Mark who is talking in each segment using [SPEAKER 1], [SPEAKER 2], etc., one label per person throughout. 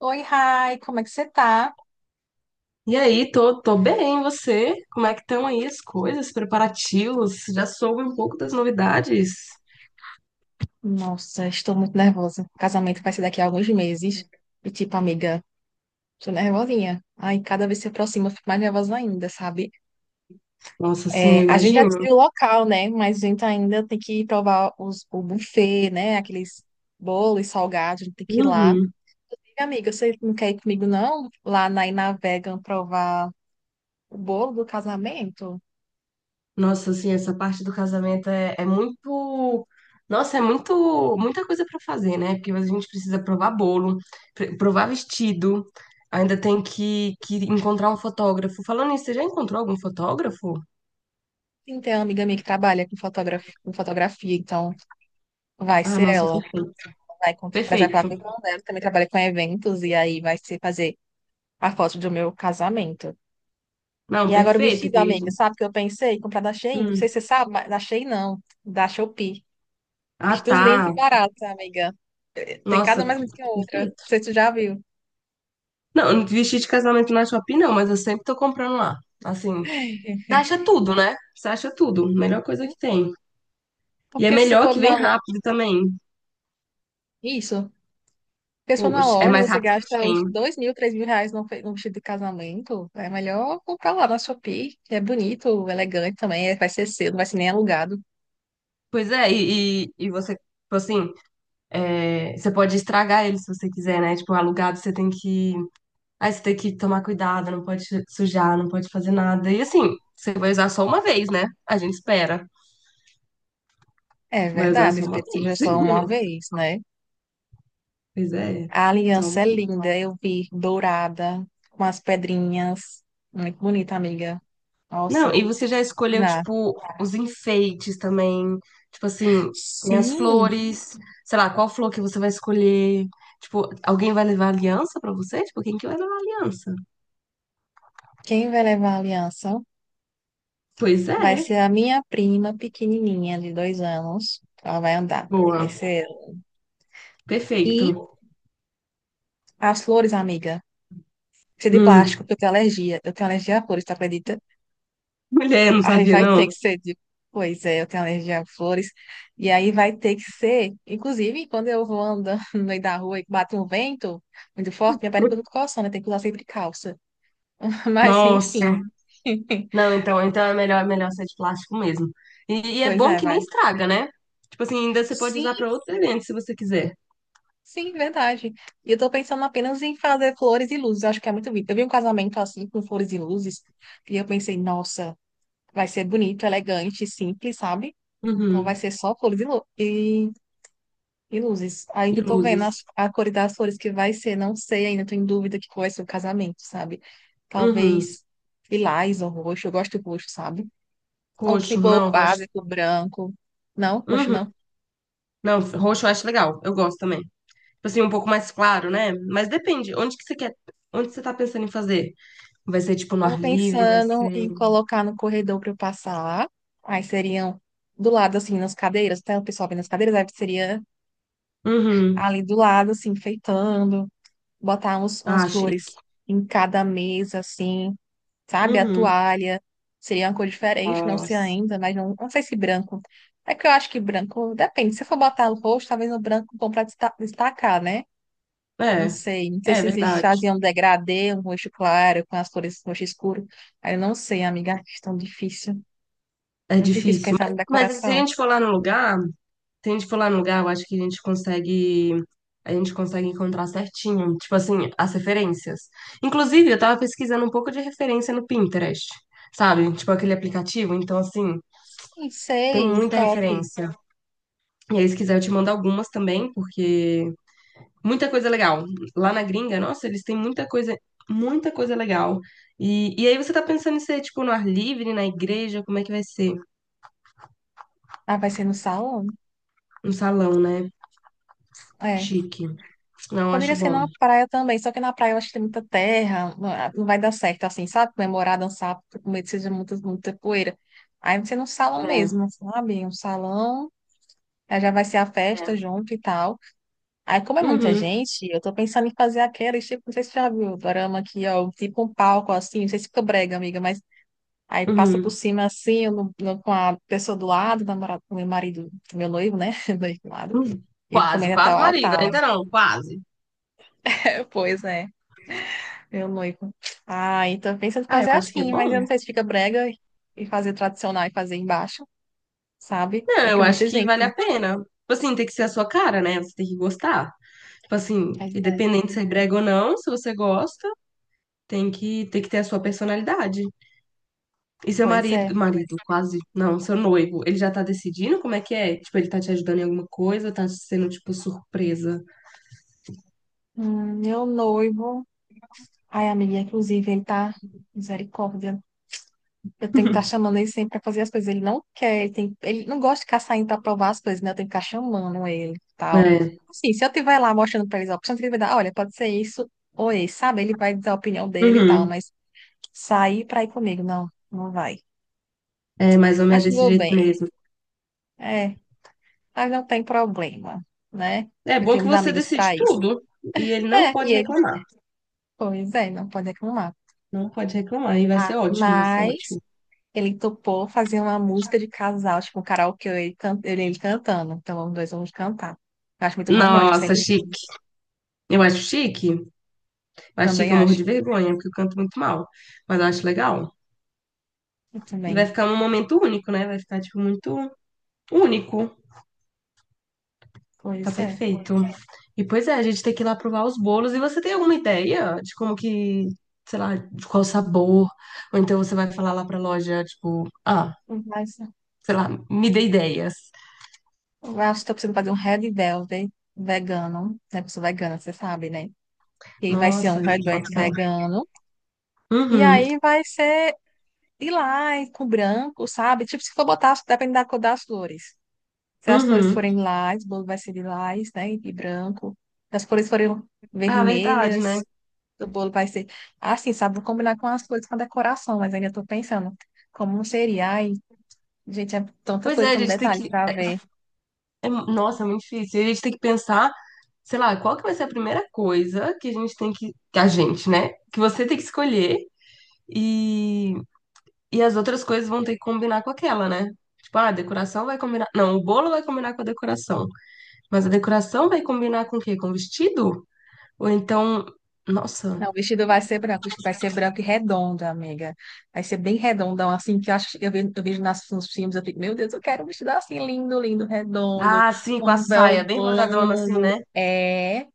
[SPEAKER 1] Oi, Rai, como é que você tá?
[SPEAKER 2] E aí, tô bem, e você? Como é que estão aí as coisas, preparativos? Já soube um pouco das novidades?
[SPEAKER 1] Nossa, estou muito nervosa. Casamento vai ser daqui a alguns meses. E, tipo, amiga, tô nervosinha. Ai, cada vez que se aproxima, eu fico mais nervosa ainda, sabe?
[SPEAKER 2] Nossa, assim,
[SPEAKER 1] É,
[SPEAKER 2] eu
[SPEAKER 1] a gente já
[SPEAKER 2] imagino.
[SPEAKER 1] decidiu o local, né? Mas a gente ainda tem que provar o buffet, né? Aqueles bolos salgados, a gente tem que ir lá.
[SPEAKER 2] Uhum.
[SPEAKER 1] E, amiga, você não quer ir comigo, não? Lá na Inavegan provar o bolo do casamento?
[SPEAKER 2] Nossa, assim, essa parte do casamento é muito. Nossa, é muito, muita coisa pra fazer, né? Porque a gente precisa provar bolo, provar vestido, ainda tem que encontrar um fotógrafo. Falando nisso, você já encontrou algum fotógrafo?
[SPEAKER 1] Sim, tem uma amiga minha que trabalha com fotógrafo, com fotografia, então vai
[SPEAKER 2] Ah,
[SPEAKER 1] ser
[SPEAKER 2] nossa,
[SPEAKER 1] ela.
[SPEAKER 2] perfeito.
[SPEAKER 1] Vai contra, por exemplo, a
[SPEAKER 2] Perfeito.
[SPEAKER 1] irmã dela também trabalha com eventos e aí vai se fazer a foto do meu casamento.
[SPEAKER 2] Não,
[SPEAKER 1] E agora o
[SPEAKER 2] perfeito,
[SPEAKER 1] vestido, amiga,
[SPEAKER 2] querido.
[SPEAKER 1] sabe o que eu pensei? Comprar da Shein. Não
[SPEAKER 2] Hum.
[SPEAKER 1] sei se você sabe, mas da Shein não, da Shopee.
[SPEAKER 2] Ah,
[SPEAKER 1] Vestidos lindos e
[SPEAKER 2] tá.
[SPEAKER 1] baratos, amiga. Tem
[SPEAKER 2] Nossa,
[SPEAKER 1] cada um mais bonito que a outra. Não
[SPEAKER 2] perfeito.
[SPEAKER 1] sei se tu já viu.
[SPEAKER 2] Não, não vestido de casamento na Shopee não, mas eu sempre tô comprando lá. Assim, você acha tudo, né? Você acha tudo. Melhor coisa
[SPEAKER 1] Sim,
[SPEAKER 2] que tem. E é
[SPEAKER 1] porque se você
[SPEAKER 2] melhor
[SPEAKER 1] for
[SPEAKER 2] que vem
[SPEAKER 1] numa loja.
[SPEAKER 2] rápido também.
[SPEAKER 1] Isso. Porque se for numa
[SPEAKER 2] Poxa, é
[SPEAKER 1] loja,
[SPEAKER 2] mais
[SPEAKER 1] você
[SPEAKER 2] rápido que a
[SPEAKER 1] gasta
[SPEAKER 2] Shein.
[SPEAKER 1] uns 2 mil, 3 mil reais num vestido de casamento. É melhor comprar lá na Shopee, que é bonito, elegante também. Vai ser seu, não vai ser nem alugado.
[SPEAKER 2] Pois é, e você, tipo assim, é, você pode estragar ele se você quiser, né? Tipo, alugado você tem que. Aí você tem que tomar cuidado, não pode sujar, não pode fazer nada. E assim, você vai usar só uma vez, né? A gente espera.
[SPEAKER 1] É
[SPEAKER 2] Vai usar
[SPEAKER 1] verdade,
[SPEAKER 2] só uma
[SPEAKER 1] espírito já
[SPEAKER 2] vez.
[SPEAKER 1] só uma vez, né?
[SPEAKER 2] Pois é.
[SPEAKER 1] A
[SPEAKER 2] Só
[SPEAKER 1] aliança
[SPEAKER 2] uma.
[SPEAKER 1] é linda, eu vi, dourada, com as pedrinhas. Muito bonita, amiga.
[SPEAKER 2] Não,
[SPEAKER 1] Nossa,
[SPEAKER 2] e você já escolheu,
[SPEAKER 1] na-
[SPEAKER 2] tipo, os enfeites também. Tipo assim, tem as
[SPEAKER 1] sim,
[SPEAKER 2] flores. Sei lá, qual flor que você vai escolher? Tipo, alguém vai levar aliança pra você? Tipo, quem que vai levar aliança?
[SPEAKER 1] quem vai levar a aliança
[SPEAKER 2] Pois
[SPEAKER 1] vai
[SPEAKER 2] é.
[SPEAKER 1] ser a minha prima pequenininha, de 2 anos. Ela vai andar, vai
[SPEAKER 2] Boa.
[SPEAKER 1] ser ela. E
[SPEAKER 2] Perfeito.
[SPEAKER 1] as flores, amiga. Ser de plástico,
[SPEAKER 2] Hum.
[SPEAKER 1] porque eu tenho alergia. Eu tenho alergia a flores, tu acredita?
[SPEAKER 2] Mulher, não
[SPEAKER 1] Aí
[SPEAKER 2] sabia,
[SPEAKER 1] vai ter
[SPEAKER 2] não?
[SPEAKER 1] que ser de. Pois é, eu tenho alergia a flores. E aí vai ter que ser. Inclusive, quando eu vou andando no meio da rua e bate um vento muito forte, minha perna fica tudo coçando, né? Tem que usar sempre calça. Mas, enfim.
[SPEAKER 2] Nossa. Não, então, então é melhor ser de plástico mesmo. E é
[SPEAKER 1] Pois
[SPEAKER 2] bom
[SPEAKER 1] é,
[SPEAKER 2] que nem
[SPEAKER 1] vai.
[SPEAKER 2] estraga, né? Tipo assim, ainda você pode usar
[SPEAKER 1] Sim,
[SPEAKER 2] pra outro evento se você quiser.
[SPEAKER 1] sim, verdade. E eu tô pensando apenas em fazer flores e luzes. Eu acho que é muito bonito. Eu vi um casamento assim, com flores e luzes, e eu pensei, nossa, vai ser bonito, elegante, simples, sabe? Então vai
[SPEAKER 2] Uhum.
[SPEAKER 1] ser só flores e luzes.
[SPEAKER 2] E
[SPEAKER 1] Ainda tô vendo
[SPEAKER 2] luzes.
[SPEAKER 1] a cor das flores que vai ser, não sei ainda, tô em dúvida que cor vai ser o casamento, sabe?
[SPEAKER 2] Uhum.
[SPEAKER 1] Talvez lilás ou roxo, eu gosto de roxo, sabe? Ou se
[SPEAKER 2] Coxo,
[SPEAKER 1] for
[SPEAKER 2] não, rocha.
[SPEAKER 1] básico, branco. Não, roxo não.
[SPEAKER 2] Não, roxo eu acho legal. Eu gosto também. Tipo assim, um pouco mais claro, né? Mas depende. Onde que você quer? Onde você tá pensando em fazer? Vai ser tipo no
[SPEAKER 1] Tava
[SPEAKER 2] ar livre? Vai
[SPEAKER 1] pensando
[SPEAKER 2] ser.
[SPEAKER 1] em colocar no corredor para eu passar. Aí seriam do lado, assim, nas cadeiras, tá? O pessoal vendo nas cadeiras, aí seria
[SPEAKER 2] Uhum.
[SPEAKER 1] ali do lado, assim, enfeitando, botar umas
[SPEAKER 2] Ah, chique.
[SPEAKER 1] flores em cada mesa, assim. Sabe? A
[SPEAKER 2] Uhum.
[SPEAKER 1] toalha seria uma cor diferente, não sei
[SPEAKER 2] Nossa.
[SPEAKER 1] ainda, mas não, não sei se branco. É que eu acho que branco, depende. Se for botar o rosto, talvez no branco bom para destacar, né? Não
[SPEAKER 2] É.
[SPEAKER 1] sei. Não sei
[SPEAKER 2] É
[SPEAKER 1] se eles
[SPEAKER 2] verdade.
[SPEAKER 1] faziam um degradê, um roxo claro, com as cores roxo escuro. Aí eu não sei, amiga, acho tão difícil.
[SPEAKER 2] É
[SPEAKER 1] Muito difícil
[SPEAKER 2] difícil.
[SPEAKER 1] pensar na
[SPEAKER 2] Mas se a
[SPEAKER 1] decoração.
[SPEAKER 2] gente for lá no lugar, se a gente for lá no lugar, eu acho que a gente consegue. A gente consegue encontrar certinho, tipo assim, as referências. Inclusive, eu tava pesquisando um pouco de referência no Pinterest, sabe? Tipo aquele aplicativo. Então, assim,
[SPEAKER 1] Não
[SPEAKER 2] tem
[SPEAKER 1] sei,
[SPEAKER 2] muita
[SPEAKER 1] top.
[SPEAKER 2] referência. E aí, se quiser, eu te mando algumas também, porque muita coisa legal. Lá na gringa, nossa, eles têm muita coisa legal. E aí você tá pensando em ser, tipo, no ar livre, na igreja, como é que vai ser?
[SPEAKER 1] Ah, vai ser no salão?
[SPEAKER 2] Um salão, né?
[SPEAKER 1] É.
[SPEAKER 2] Chique. Não,
[SPEAKER 1] Poderia
[SPEAKER 2] acho
[SPEAKER 1] ser
[SPEAKER 2] bom.
[SPEAKER 1] na praia também, só que na praia eu acho que tem muita terra, não ah, não vai dar certo assim, sabe? Comemorar, dançar, porque com medo que seja muita, muita poeira. Aí você num salão
[SPEAKER 2] É,
[SPEAKER 1] mesmo, sabe? Um salão, aí já vai ser a festa
[SPEAKER 2] é.
[SPEAKER 1] junto e tal. Aí, como é muita
[SPEAKER 2] Uhum,
[SPEAKER 1] gente, eu tô pensando em fazer aquela, tipo, não sei se você já viu o dorama aqui, ó, tipo um palco assim, não sei se fica brega, amiga, mas aí passa por
[SPEAKER 2] uhum.
[SPEAKER 1] cima assim, eu com a pessoa do lado, namorado, meu marido, meu noivo, né? Do lado,
[SPEAKER 2] Uhum.
[SPEAKER 1] e
[SPEAKER 2] Quase,
[SPEAKER 1] também até
[SPEAKER 2] quase
[SPEAKER 1] o
[SPEAKER 2] marido,
[SPEAKER 1] altar.
[SPEAKER 2] ainda não, quase.
[SPEAKER 1] Pois é. Meu noivo. Ah, então pensa em
[SPEAKER 2] Ah, eu
[SPEAKER 1] fazer
[SPEAKER 2] acho que é
[SPEAKER 1] assim, mas
[SPEAKER 2] bom.
[SPEAKER 1] eu não sei se fica brega e fazer tradicional e fazer embaixo, sabe?
[SPEAKER 2] Não,
[SPEAKER 1] É que
[SPEAKER 2] eu
[SPEAKER 1] é
[SPEAKER 2] acho
[SPEAKER 1] muita
[SPEAKER 2] que vale
[SPEAKER 1] gente.
[SPEAKER 2] a pena. Tipo assim, tem que ser a sua cara, né? Você tem que gostar. Tipo assim,
[SPEAKER 1] Pois é.
[SPEAKER 2] independente se é brega ou não, se você gosta. Tem que ter a sua personalidade. E seu
[SPEAKER 1] Pois é.
[SPEAKER 2] marido, marido, quase, não, seu noivo, ele já tá decidindo como é que é? Tipo, ele tá te ajudando em alguma coisa, tá sendo, tipo, surpresa.
[SPEAKER 1] Meu noivo. Ai, amiga, inclusive, ele tá. Misericórdia. Eu tenho que estar chamando ele sempre pra fazer as coisas. Ele não quer, ele, tem... ele não gosta de ficar saindo pra provar as coisas, né? Eu tenho que ficar chamando ele e tal.
[SPEAKER 2] É,
[SPEAKER 1] Assim, se eu estiver lá mostrando pra eles a opção, ele vai dar, olha, pode ser isso ou esse, sabe? Ele vai dizer a opinião dele e tal,
[SPEAKER 2] uhum.
[SPEAKER 1] mas sair pra ir comigo, não, não vai.
[SPEAKER 2] É mais ou
[SPEAKER 1] Mas
[SPEAKER 2] menos desse
[SPEAKER 1] tudo
[SPEAKER 2] jeito
[SPEAKER 1] bem.
[SPEAKER 2] mesmo.
[SPEAKER 1] É, mas não tem problema, né?
[SPEAKER 2] É
[SPEAKER 1] Eu
[SPEAKER 2] bom
[SPEAKER 1] tenho
[SPEAKER 2] que
[SPEAKER 1] uns
[SPEAKER 2] você
[SPEAKER 1] amigos
[SPEAKER 2] decide
[SPEAKER 1] para isso.
[SPEAKER 2] tudo e ele não
[SPEAKER 1] É, e
[SPEAKER 2] pode
[SPEAKER 1] ele,
[SPEAKER 2] reclamar.
[SPEAKER 1] pois é, não pode reclamar.
[SPEAKER 2] Não pode reclamar e vai
[SPEAKER 1] Ah,
[SPEAKER 2] ser ótimo, vai ser
[SPEAKER 1] mas
[SPEAKER 2] ótimo.
[SPEAKER 1] ele topou fazer uma música de casal, tipo um karaokê, ele cantando. Então, os dois vamos cantar. Eu acho muito romântico,
[SPEAKER 2] Nossa,
[SPEAKER 1] sempre
[SPEAKER 2] chique.
[SPEAKER 1] quis.
[SPEAKER 2] Eu acho chique. Eu acho chique,
[SPEAKER 1] Também
[SPEAKER 2] eu morro
[SPEAKER 1] acho.
[SPEAKER 2] de vergonha, porque eu canto muito mal. Mas eu acho legal.
[SPEAKER 1] Eu
[SPEAKER 2] E vai
[SPEAKER 1] também.
[SPEAKER 2] ficar um momento único, né? Vai ficar, tipo, muito único. Tá
[SPEAKER 1] Pois é.
[SPEAKER 2] perfeito. E pois é, a gente tem que ir lá provar os bolos. E você tem alguma ideia de como que, sei lá, de qual sabor? Ou então você vai falar lá pra loja, tipo, ah,
[SPEAKER 1] Mas
[SPEAKER 2] sei lá, me dê ideias.
[SPEAKER 1] eu acho que tô precisando fazer um Red Velvet vegano, né? Pessoa vegana, você sabe, né? E aí vai ser
[SPEAKER 2] Nossa,
[SPEAKER 1] um Red
[SPEAKER 2] bota
[SPEAKER 1] Velvet
[SPEAKER 2] fé.
[SPEAKER 1] vegano. E
[SPEAKER 2] Uhum,
[SPEAKER 1] aí vai ser de lilás com branco, sabe? Tipo, se for botar, depende da cor das flores. Se as flores
[SPEAKER 2] uhum.
[SPEAKER 1] forem lilás, o bolo vai ser lilás, né? E branco. Se as flores forem
[SPEAKER 2] Ah, verdade, né?
[SPEAKER 1] vermelhas, o bolo vai ser. Assim, sabe? Vou combinar com as flores com a decoração, mas ainda tô pensando como seria. Ai, gente, é tanta
[SPEAKER 2] Pois é,
[SPEAKER 1] coisa,
[SPEAKER 2] a
[SPEAKER 1] tanto
[SPEAKER 2] gente tem
[SPEAKER 1] detalhe
[SPEAKER 2] que.
[SPEAKER 1] pra ver.
[SPEAKER 2] Nossa, é muito difícil. E a gente tem que pensar, sei lá, qual que vai ser a primeira coisa que a gente tem que A gente, né? Que você tem que escolher. E E as outras coisas vão ter que combinar com aquela, né? Tipo, ah, a decoração vai combinar. Não, o bolo vai combinar com a decoração. Mas a decoração vai combinar com o quê? Com o vestido? Ou então. Nossa.
[SPEAKER 1] Não, o vestido vai ser branco, o vestido vai ser branco e redondo, amiga. Vai ser bem redondão, assim, que eu acho, eu vejo nos filmes, eu fico, meu Deus, eu quero um vestido assim, lindo, lindo, redondo,
[SPEAKER 2] Ah, sim, com a
[SPEAKER 1] com um véu
[SPEAKER 2] saia, bem rodadona assim,
[SPEAKER 1] longo.
[SPEAKER 2] né?
[SPEAKER 1] É,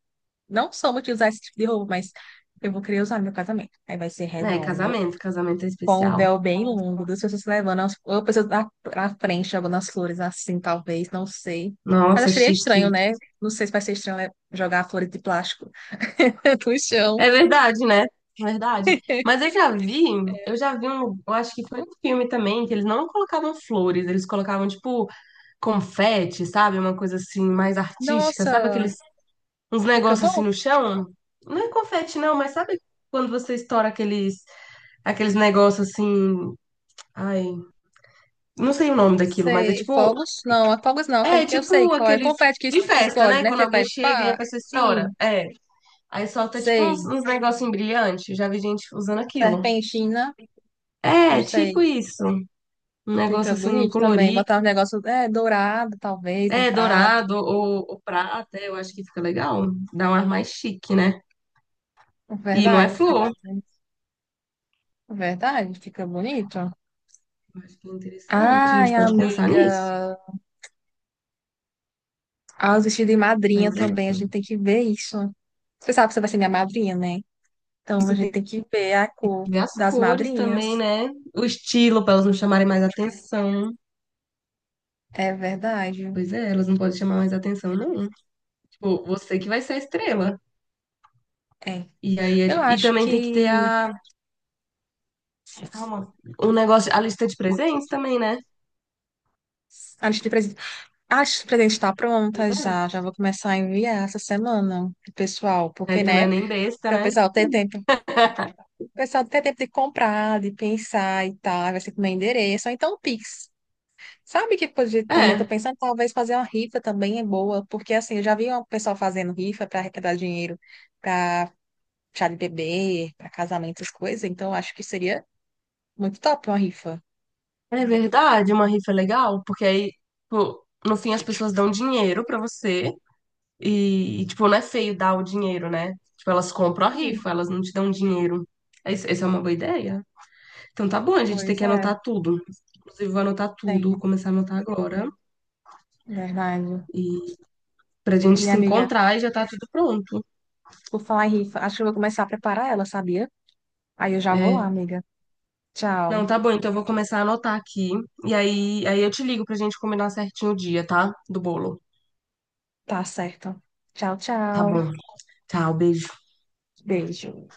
[SPEAKER 1] não sou muito de usar esse tipo de roupa, mas eu vou querer usar no meu casamento. Aí vai ser
[SPEAKER 2] É,
[SPEAKER 1] redondo,
[SPEAKER 2] casamento. Casamento é
[SPEAKER 1] com o
[SPEAKER 2] especial.
[SPEAKER 1] véu bem longo, duas pessoas se levando, ou pessoas na frente, jogando as flores assim, talvez, não sei. Mas
[SPEAKER 2] Nossa,
[SPEAKER 1] acharia estranho,
[SPEAKER 2] chique.
[SPEAKER 1] né? Não sei se vai ser estranho né, jogar flores de plástico no chão.
[SPEAKER 2] É verdade, né? Verdade. Mas eu já vi um, eu acho que foi um filme também, que eles não colocavam flores, eles colocavam, tipo, confete, sabe? Uma coisa assim, mais artística, sabe? Aquele
[SPEAKER 1] Nossa!
[SPEAKER 2] uns
[SPEAKER 1] Fica
[SPEAKER 2] negócios assim
[SPEAKER 1] bom?
[SPEAKER 2] no chão. Não é confete, não, mas sabe quando você estoura aqueles, aqueles negócios assim. Ai, não sei o nome daquilo, mas é
[SPEAKER 1] Sei.
[SPEAKER 2] tipo.
[SPEAKER 1] Fogos? Não, é fogos não. Aquele
[SPEAKER 2] É
[SPEAKER 1] que eu sei
[SPEAKER 2] tipo
[SPEAKER 1] qual é.
[SPEAKER 2] aqueles.
[SPEAKER 1] Confete que
[SPEAKER 2] De festa,
[SPEAKER 1] explode,
[SPEAKER 2] né?
[SPEAKER 1] né?
[SPEAKER 2] Quando
[SPEAKER 1] Você
[SPEAKER 2] alguém
[SPEAKER 1] vai
[SPEAKER 2] chega e a
[SPEAKER 1] pá.
[SPEAKER 2] pessoa estoura.
[SPEAKER 1] Sim,
[SPEAKER 2] É. Aí solta tipo uns,
[SPEAKER 1] sei.
[SPEAKER 2] uns negócios brilhantes. Já vi gente usando aquilo.
[SPEAKER 1] Serpentina? Não
[SPEAKER 2] É, tipo
[SPEAKER 1] sei.
[SPEAKER 2] isso. Um
[SPEAKER 1] Fica
[SPEAKER 2] negócio assim
[SPEAKER 1] bonito também.
[SPEAKER 2] colorido.
[SPEAKER 1] Botar um negócio é, dourado, talvez, num
[SPEAKER 2] É,
[SPEAKER 1] prato.
[SPEAKER 2] dourado ou prata. Eu acho que fica legal. Dá um ar mais chique, né? E não é
[SPEAKER 1] Verdade, fica
[SPEAKER 2] flor.
[SPEAKER 1] mais bonito. Verdade, fica bonito.
[SPEAKER 2] Eu acho que é interessante. A
[SPEAKER 1] Ai,
[SPEAKER 2] gente pode pensar nisso.
[SPEAKER 1] amiga. Ah, os vestidos de madrinha
[SPEAKER 2] Mas é.
[SPEAKER 1] também. A gente tem que ver isso. Você sabe que você vai ser minha madrinha, né?
[SPEAKER 2] E
[SPEAKER 1] Então a
[SPEAKER 2] você
[SPEAKER 1] gente
[SPEAKER 2] tem
[SPEAKER 1] tem que ver a
[SPEAKER 2] que
[SPEAKER 1] cor
[SPEAKER 2] ver as
[SPEAKER 1] das
[SPEAKER 2] cores também,
[SPEAKER 1] madrinhas.
[SPEAKER 2] né? O estilo, pra elas não chamarem mais atenção.
[SPEAKER 1] É verdade.
[SPEAKER 2] Pois é, elas não podem chamar mais atenção, não. Tipo, você que vai ser a estrela.
[SPEAKER 1] É.
[SPEAKER 2] E aí,
[SPEAKER 1] Eu
[SPEAKER 2] e
[SPEAKER 1] acho
[SPEAKER 2] também tem que ter
[SPEAKER 1] que
[SPEAKER 2] a. Calma. O negócio, a lista de presentes também, né?
[SPEAKER 1] a lista de presentes, a lista de presentes está pronta já. Já
[SPEAKER 2] É.
[SPEAKER 1] vou começar a enviar essa semana, pro pessoal, porque,
[SPEAKER 2] Aí tu não é
[SPEAKER 1] né,
[SPEAKER 2] nem besta,
[SPEAKER 1] para o
[SPEAKER 2] né?
[SPEAKER 1] pessoal ter tempo, o pessoal ter tempo de comprar, de pensar e tal, vai ser com meu endereço, ou então o Pix. Sabe que podia, também tô
[SPEAKER 2] É,
[SPEAKER 1] pensando, talvez fazer uma rifa também é boa, porque assim, eu já vi o pessoal fazendo rifa para arrecadar dinheiro para chá de bebê, para casamento, essas coisas, então eu acho que seria muito top uma rifa.
[SPEAKER 2] é verdade, uma rifa é legal, porque aí, tipo, no fim as pessoas dão dinheiro pra você e, tipo, não é feio dar o dinheiro, né? Tipo, elas compram a
[SPEAKER 1] Sim.
[SPEAKER 2] rifa, elas não te dão dinheiro. Essa é uma boa ideia. Então tá bom, a gente tem
[SPEAKER 1] Pois
[SPEAKER 2] que
[SPEAKER 1] é,
[SPEAKER 2] anotar tudo. Inclusive, vou anotar tudo, vou
[SPEAKER 1] tenho,
[SPEAKER 2] começar a anotar agora.
[SPEAKER 1] verdade.
[SPEAKER 2] E pra gente
[SPEAKER 1] E
[SPEAKER 2] se
[SPEAKER 1] amiga,
[SPEAKER 2] encontrar e já tá tudo pronto.
[SPEAKER 1] por falar em rifa, acho que eu vou começar a preparar ela, sabia? Aí eu já vou lá,
[SPEAKER 2] É.
[SPEAKER 1] amiga. Tchau.
[SPEAKER 2] Não, tá bom, então eu vou começar a anotar aqui. E aí, aí eu te ligo pra gente combinar certinho o dia, tá? Do bolo.
[SPEAKER 1] Tá certo. Tchau,
[SPEAKER 2] Tá
[SPEAKER 1] tchau.
[SPEAKER 2] bom. Tchau, beijo.
[SPEAKER 1] Beijo.